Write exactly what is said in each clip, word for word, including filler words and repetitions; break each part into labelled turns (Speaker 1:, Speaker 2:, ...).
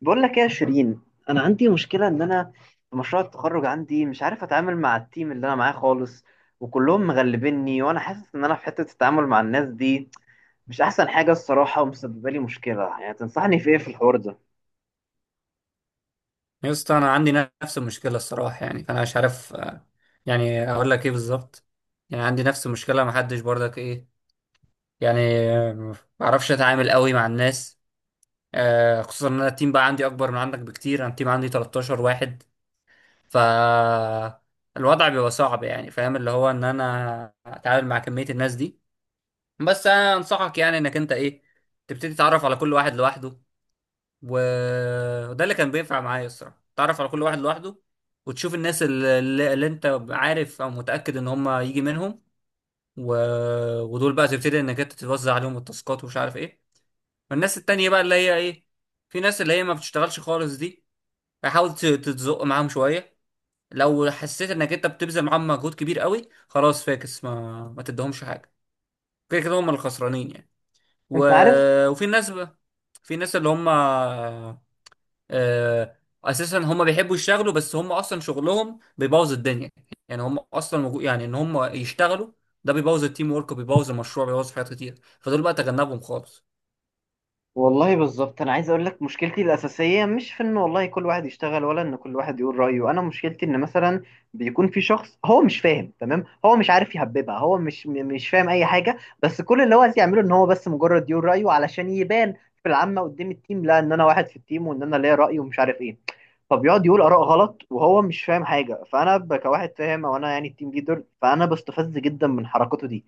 Speaker 1: بقول لك ايه يا شيرين؟ انا عندي مشكله ان انا في مشروع التخرج عندي مش عارف اتعامل مع التيم اللي انا معاه خالص، وكلهم مغلبيني وانا حاسس ان انا في حته التعامل مع الناس دي مش احسن حاجه الصراحه، ومسببه لي مشكله. يعني تنصحني في ايه في الحوار ده؟
Speaker 2: يا اسطى انا عندي نفس المشكله الصراحه. يعني فانا مش عارف آه، يعني اقول لك ايه بالظبط. يعني عندي نفس المشكله ما حدش برضك ايه. يعني آه، ما بعرفش اتعامل قوي مع الناس. آه، خصوصا ان انا التيم بقى عندي اكبر من عندك بكتير. انا التيم عندي 13 واحد، ف الوضع بيبقى صعب، يعني فاهم اللي هو ان انا اتعامل مع كميه الناس دي. بس انا انصحك يعني انك انت ايه، تبتدي تتعرف على كل واحد لوحده. و- وده اللي كان بينفع معايا الصراحة، تعرف على كل واحد لوحده وتشوف الناس اللي, اللي انت عارف او متأكد ان هم يجي منهم و... ودول بقى تبتدي انك انت توزع عليهم التاسكات ومش عارف ايه. والناس التانية بقى اللي هي ايه، في ناس اللي هي ما بتشتغلش خالص دي، فحاول ت- تتزق معاهم شوية. لو حسيت انك انت بتبذل معاهم مجهود كبير قوي، خلاص فاكس ما ما تدهمش حاجة، كده كده هم الخسرانين يعني و...
Speaker 1: انت عارف،
Speaker 2: وفي ناس بقى، في ناس اللي هم آه، اساسا هم بيحبوا يشتغلوا، بس هم اصلا شغلهم بيبوظ الدنيا. يعني هم اصلا موجو- يعني ان هم يشتغلوا ده بيبوظ التيم ورك وبيبوظ المشروع، بيبوظ حاجات كتير. فدول بقى تجنبهم خالص.
Speaker 1: والله بالظبط انا عايز اقول لك مشكلتي الاساسيه مش في ان والله كل واحد يشتغل ولا ان كل واحد يقول رايه. انا مشكلتي ان مثلا بيكون في شخص هو مش فاهم تمام، هو مش عارف يهببها، هو مش م- مش فاهم اي حاجه، بس كل اللي هو عايز يعمله ان هو بس مجرد يقول رايه علشان يبان في العامه قدام التيم، لا ان انا واحد في التيم وان انا ليا راي ومش عارف ايه. فبيقعد يقول اراء غلط وهو مش فاهم حاجه، فانا ب- كواحد فاهم او انا يعني التيم ليدر، فانا بستفز جدا من حركته دي.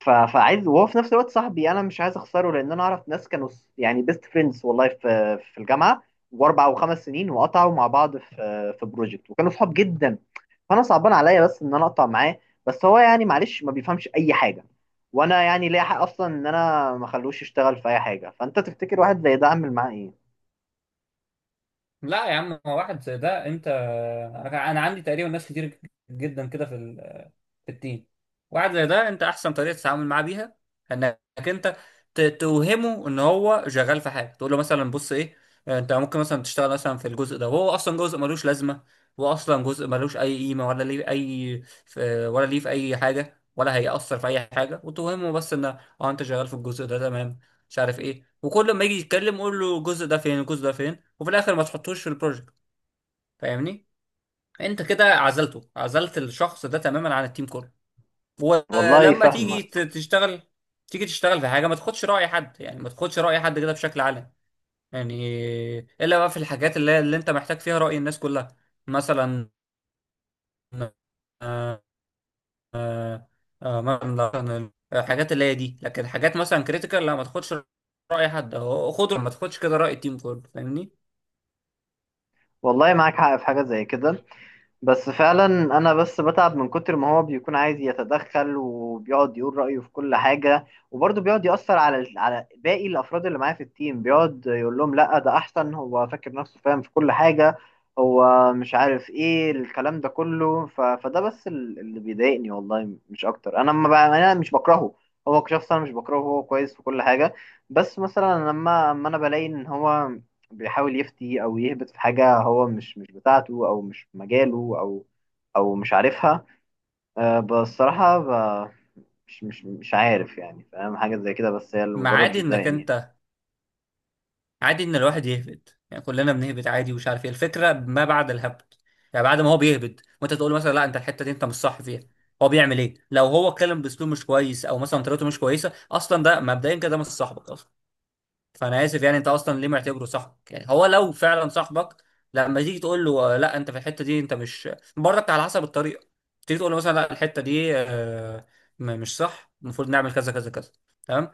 Speaker 1: ف- فعايز وهو في نفس الوقت صاحبي، انا مش عايز اخسره لان انا اعرف ناس كانوا س- يعني بيست فريندز والله في في الجامعه واربع او خمس سنين، وقطعوا مع بعض في في بروجكت وكانوا صحاب جدا. فانا صعبان عليا بس ان انا اقطع معاه، بس هو يعني معلش ما بيفهمش اي حاجه. وانا يعني ليا حق اصلا ان انا ما اخلوش يشتغل في اي حاجه. فانت تفتكر واحد زي ده اعمل معاه ايه؟
Speaker 2: لا يا عم، هو واحد زي ده، انت انا أنا عندي تقريبا ناس كتير جدا كده في ال- في التيم. واحد زي ده، انت احسن طريقه تتعامل معاه بيها انك انت ت- توهمه ان هو شغال في حاجه. تقول له مثلا بص ايه، انت ممكن مثلا تشتغل مثلا في الجزء ده، وهو اصلا جزء ملوش لازمه، هو اصلا جزء ملوش اي قيمه، ولا ليه اي في، ولا ليه في اي حاجه، ولا هيأثر في اي حاجه. وتوهمه بس ان اه انت شغال في الجزء ده، تمام، مش عارف ايه، وكل ما يجي يتكلم قول له الجزء ده فين، الجزء ده فين. وفي الاخر ما تحطوش في البروجكت. فاهمني، انت كده عزلته، عزلت الشخص ده تماما عن التيم كله.
Speaker 1: والله
Speaker 2: ولما تيجي ت-
Speaker 1: فاهمك.
Speaker 2: تشتغل، تيجي تشتغل في حاجه ما تاخدش راي حد، يعني ما تاخدش راي حد كده بشكل عام. يعني الا بقى في الحاجات اللي, اللي انت محتاج فيها راي الناس كلها. مثلا آه، آه، مثلا الحاجات اللي هي دي. لكن حاجات مثلا كريتيكال لا، ما تاخدش راي حد، خد ما تاخدش كده راي التيم كله، فاهمني.
Speaker 1: والله معاك حق في حاجه زي كده، بس فعلا انا بس بتعب من كتر ما هو بيكون عايز يتدخل وبيقعد يقول رأيه في كل حاجة، وبرضه بيقعد يأثر على على باقي الافراد اللي معاه في التيم، بيقعد يقول لهم لا ده احسن، هو فاكر نفسه فاهم في كل حاجة، هو مش عارف ايه الكلام ده كله. ف... فده بس ال- اللي بيضايقني والله مش اكتر. انا ما ب... انا مش بكرهه هو كشخص، انا مش بكرهه، هو كويس في كل حاجة. بس مثلا لما اما انا بلاقي ان هو بيحاول يفتي او يهبط في حاجه هو مش مش بتاعته او مش في مجاله او او مش عارفها. أه بصراحه ب- مش مش مش عارف يعني فاهم حاجه زي كده، بس هي اللي
Speaker 2: ما
Speaker 1: مجرد
Speaker 2: عادي انك
Speaker 1: بتضايقني.
Speaker 2: انت، عادي ان الواحد يهبد، يعني كلنا بنهبد عادي. ومش عارف ايه الفكره ما بعد الهبد، يعني بعد ما هو بيهبد وانت تقول مثلا لا انت الحته دي انت مش صح فيها، هو بيعمل ايه؟ لو هو اتكلم باسلوب مش كويس، او مثلا طريقته مش كويسه، اصلا ده مبدئيا كده مش صاحبك اصلا. فانا اسف يعني، انت اصلا ليه معتبره صاحبك؟ يعني هو لو فعلا صاحبك، لما تيجي تقول له آه، لا انت في الحته دي انت مش، برضك على حسب الطريقه، تيجي تقول له مثلا لا الحته دي آه، م- مش صح، المفروض نعمل كذا كذا كذا، تمام،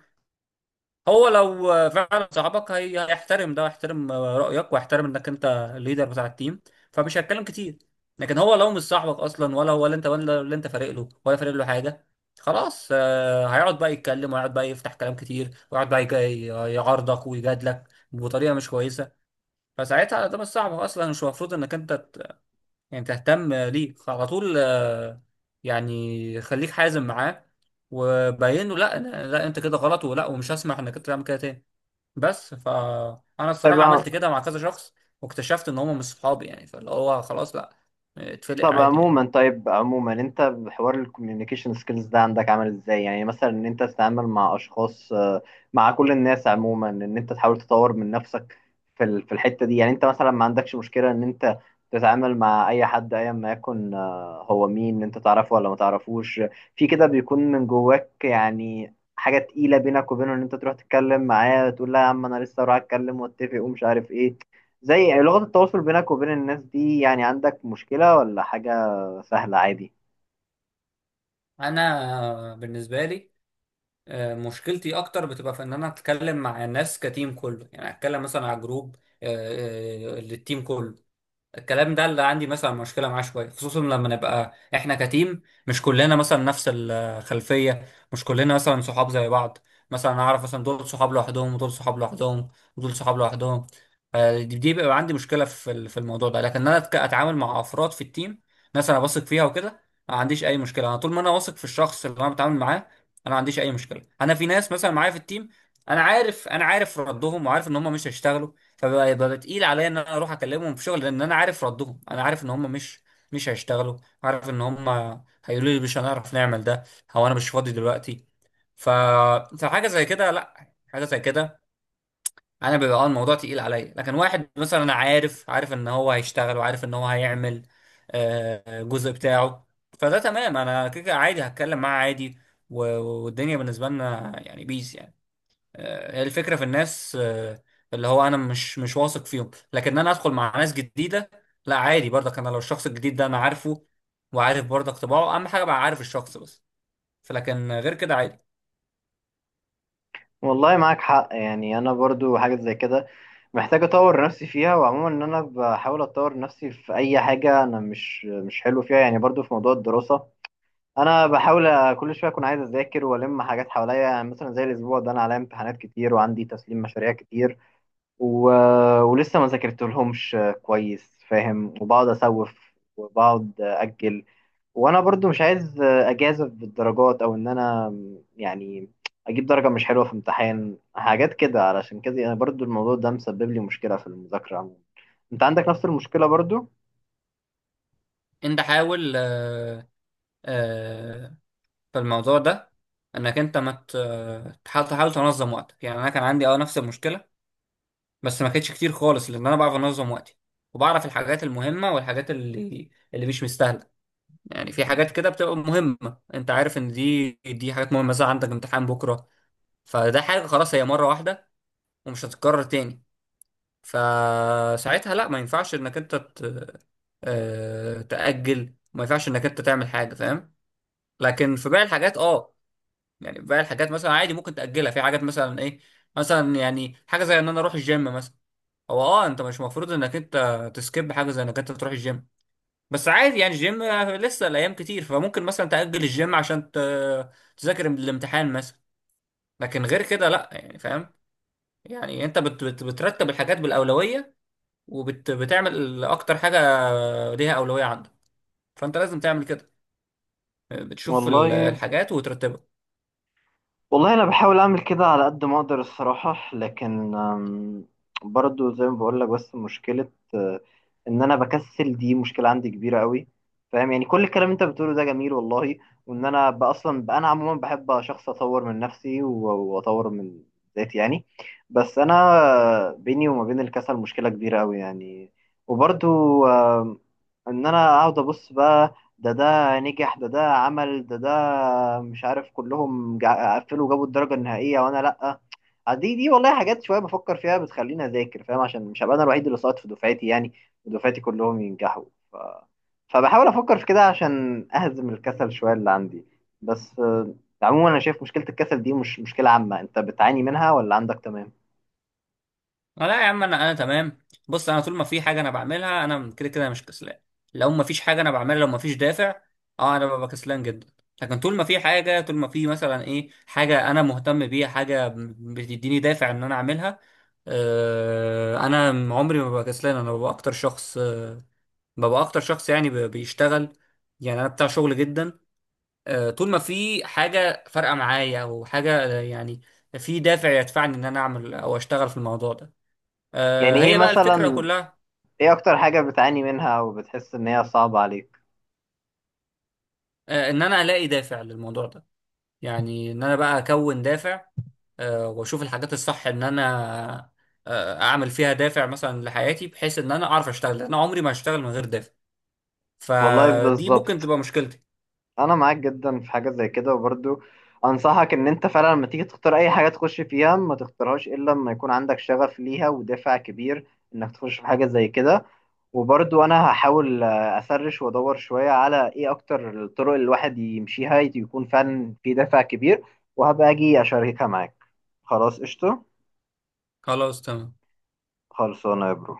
Speaker 2: هو لو فعلا صاحبك هي- هيحترم ده، ويحترم رأيك، ويحترم انك انت الليدر بتاع التيم، فمش هيتكلم كتير. لكن هو لو مش صاحبك اصلا، ولا هو اللي انت ولا اللي انت فارق له ولا فارق له حاجة، خلاص آه، هيقعد بقى يتكلم، وهيقعد بقى يفتح كلام كتير، ويقعد بقى يجي- يعارضك ويجادلك بطريقة مش كويسة. فساعتها ده مش صاحبك اصلا، مش المفروض انك انت ت- يعني تهتم ليه. فعلى طول آه، يعني خليك حازم معاه، وبين له لا لا لا، انت كده غلط، ولا ومش هسمح انك انت تعمل كده تاني. بس فانا
Speaker 1: طيب.
Speaker 2: الصراحه عملت كده مع كذا شخص، واكتشفت ان هم مش صحابي يعني، فاللي هو خلاص لا، اتفلق
Speaker 1: طب
Speaker 2: عادي يعني.
Speaker 1: عموما طيب عموما انت بحوار الكوميونيكيشن سكيلز ده عندك عامل ازاي؟ يعني مثلا ان انت تتعامل مع اشخاص، آه، مع كل الناس عموما، ان انت تحاول تطور من نفسك في ال- في الحتة دي، يعني انت مثلا ما عندكش مشكلة ان انت تتعامل مع اي حد ايا ما يكن، آه، هو مين؟ انت تعرفه ولا ما تعرفوش؟ في كده بيكون من جواك يعني حاجة تقيلة بينك وبينه ان انت تروح تتكلم معاه، تقول لا يا عم انا لسه رايح اتكلم واتفق ومش عارف ايه؟ زي لغة التواصل بينك وبين الناس دي، يعني عندك مشكلة ولا حاجة سهلة عادي؟
Speaker 2: انا بالنسبه لي آه، مشكلتي اكتر بتبقى في ان انا اتكلم مع الناس كتيم كله، يعني اتكلم مثلا على جروب آه، آه، للتيم كله. الكلام ده اللي عندي مثلا مشكله معاه شويه، خصوصا لما نبقى احنا كتيم مش كلنا مثلا نفس الخلفيه، مش كلنا مثلا صحاب زي بعض، مثلا اعرف مثلا دول صحاب لوحدهم، ودول صحاب لوحدهم، ودول صحاب لوحدهم. آه، دي دي بيبقى عندي مشكله في ال- في الموضوع ده. لكن انا أتك- اتعامل مع افراد في التيم، ناس انا واثق فيها وكده، ما عنديش اي مشكله. انا طول ما انا واثق في الشخص اللي انا بتعامل معاه انا ما عنديش اي مشكله. انا في ناس مثلا معايا في التيم، انا عارف انا عارف ردهم، وعارف ان هم مش هيشتغلوا، فبقى يبقى تقيل عليا ان انا اروح اكلمهم في شغل، لان انا عارف ردهم، انا عارف ان هم مش مش هيشتغلوا. عارف ان هم هيقولوا لي مش هنعرف نعمل ده، او انا مش فاضي دلوقتي، ف فحاجه زي كده لا حاجه زي كده انا بيبقى اه الموضوع تقيل عليا. لكن واحد مثلا انا عارف عارف ان هو هيشتغل، وعارف ان هو هيعمل آه، الجزء بتاعه، فده تمام، انا كده كده عادي هتكلم معاه عادي، و- والدنيا بالنسبه لنا يعني بيس يعني. آه، هي الفكرة في الناس آه، اللي هو انا مش مش واثق فيهم. لكن انا ادخل مع ناس جديدة، لا عادي برضك. انا لو الشخص الجديد ده انا عارفه، وعارف برضك طباعه، اهم حاجة بقى عارف الشخص بس، فلكن غير كده عادي.
Speaker 1: والله معاك حق، يعني أنا برضو حاجة زي كده محتاج أطور نفسي فيها. وعموما إن أنا بحاول أطور نفسي في أي حاجة أنا مش مش حلو فيها. يعني برضو في موضوع الدراسة، أنا بحاول كل شوية أكون عايز أذاكر وألم حاجات حواليا، يعني مثلا زي الأسبوع ده أنا عليا امتحانات كتير وعندي تسليم مشاريع كتير، و... ولسه ما ذاكرتلهمش كويس، فاهم؟ وبقعد أسوف وبقعد أجل. وانا برضو مش عايز اجازف بالدرجات او ان انا يعني اجيب درجة مش حلوة في امتحان حاجات كده، علشان كده انا برضو الموضوع ده مسبب لي مشكلة في المذاكرة عموما. انت عندك نفس المشكلة برضو؟
Speaker 2: انت حاول آه، آه، في الموضوع ده انك انت ما ت- آه، تحاول تحاول تنظم وقتك. يعني انا كان عندي اه نفس المشكلة، بس ما كانتش كتير خالص لان انا بعرف انظم وقتي، وبعرف الحاجات المهمة والحاجات اللي اللي مش مستاهلة. يعني في حاجات كده بتبقى مهمة، انت عارف ان دي دي حاجات مهمة، مثلا عندك امتحان بكرة، فده حاجة خلاص، هي مرة واحدة ومش هتتكرر تاني. فساعتها لا، ما ينفعش انك انت ت- آه، تأجل، ما ينفعش انك انت تعمل حاجة، فاهم. لكن في باقي الحاجات اه، يعني باقي الحاجات مثلا عادي ممكن تأجلها. في حاجات مثلا ايه، مثلا يعني حاجة زي ان انا اروح الجيم مثلا، هو اه انت مش مفروض انك انت تسكيب حاجة زي انك انت تروح الجيم، بس عادي يعني الجيم لسه الايام كتير، فممكن مثلا تأجل الجيم عشان ت- تذاكر الامتحان مثلا. لكن غير كده لا، يعني فاهم. يعني انت بت بت بترتب الحاجات بالأولوية، وبتعمل اكتر حاجة ليها أولوية عندك، فانت لازم تعمل كده. بتشوف ال-
Speaker 1: والله
Speaker 2: الحاجات وترتبها.
Speaker 1: والله انا بحاول اعمل كده على قد ما اقدر الصراحه، لكن أم، برضو زي ما بقول لك، بس مشكله آه، ان انا بكسل، دي مشكله عندي كبيره قوي، فاهم؟ يعني كل الكلام انت بتقوله ده جميل والله، وان انا ب- اصلا ب- انا عموما بحب شخص اطور من نفسي و- واطور من ذاتي يعني، بس انا بيني وما بين الكسل مشكله كبيره قوي يعني. وبرضو آم، ان انا اقعد ابص بقى، ده ده نجح، ده ده عمل، ده ده مش عارف، كلهم جا- قفلوا وجابوا الدرجة النهائية وانا لأ. آه، دي دي والله حاجات شوية بفكر فيها بتخليني أذاكر، فاهم؟ عشان مش هبقى أنا الوحيد اللي ساقط في دفعتي يعني، ودفعتي كلهم ينجحوا. ف... فبحاول أفكر في كده عشان أهزم الكسل شوية اللي عندي. بس آه، عموما أنا شايف مشكلة الكسل دي مش مشكلة عامة، أنت بتعاني منها ولا عندك تمام؟
Speaker 2: آه، لا يا عم، انا انا تمام. بص، انا طول ما في حاجه انا بعملها، انا كده كده مش كسلان. لو ما فيش حاجه انا بعملها، لو ما فيش دافع، اه انا ببقى كسلان جدا. لكن طول ما في حاجه، طول ما في مثلا ايه حاجه انا مهتم بيها، حاجه بتديني دافع ان انا اعملها، آه، انا عمري ما ببقى كسلان. انا ببقى اكتر شخص آه، ببقى اكتر شخص يعني ب- بيشتغل، يعني انا بتاع شغل جدا. آه طول ما في حاجه فارقه معايا، او حاجه آه، يعني في دافع يدفعني ان انا اعمل او اشتغل في الموضوع ده. آه،
Speaker 1: يعني إيه
Speaker 2: هي بقى الفكرة
Speaker 1: مثلا
Speaker 2: كلها.
Speaker 1: إيه أكتر حاجة بتعاني منها وبتحس إن هي صعبة عليك؟
Speaker 2: آه، ان انا الاقي دافع للموضوع ده، يعني ان انا بقى اكون دافع، آه، واشوف الحاجات الصح ان انا آه، اعمل فيها دافع مثلا لحياتي، بحيث ان انا اعرف اشتغل، لأن انا عمري ما هشتغل من غير دافع.
Speaker 1: والله
Speaker 2: فدي ممكن
Speaker 1: بالظبط
Speaker 2: تبقى مشكلتي.
Speaker 1: انا معاك جدا في حاجه زي كده. وبرضو انصحك ان انت فعلا لما تيجي تختار اي حاجه تخش فيها ما تختارهاش الا لما يكون عندك شغف ليها ودافع كبير انك تخش في حاجه زي كده. وبرضو انا هحاول، آه، اسرش وادور شويه على ايه اكتر الطرق اللي الواحد يمشيها يكون فعلا في دافع كبير، وهبقى اجي اشاركها معاك. خلاص قشطه.
Speaker 2: خلاص تمام.
Speaker 1: خلصانه يا برو.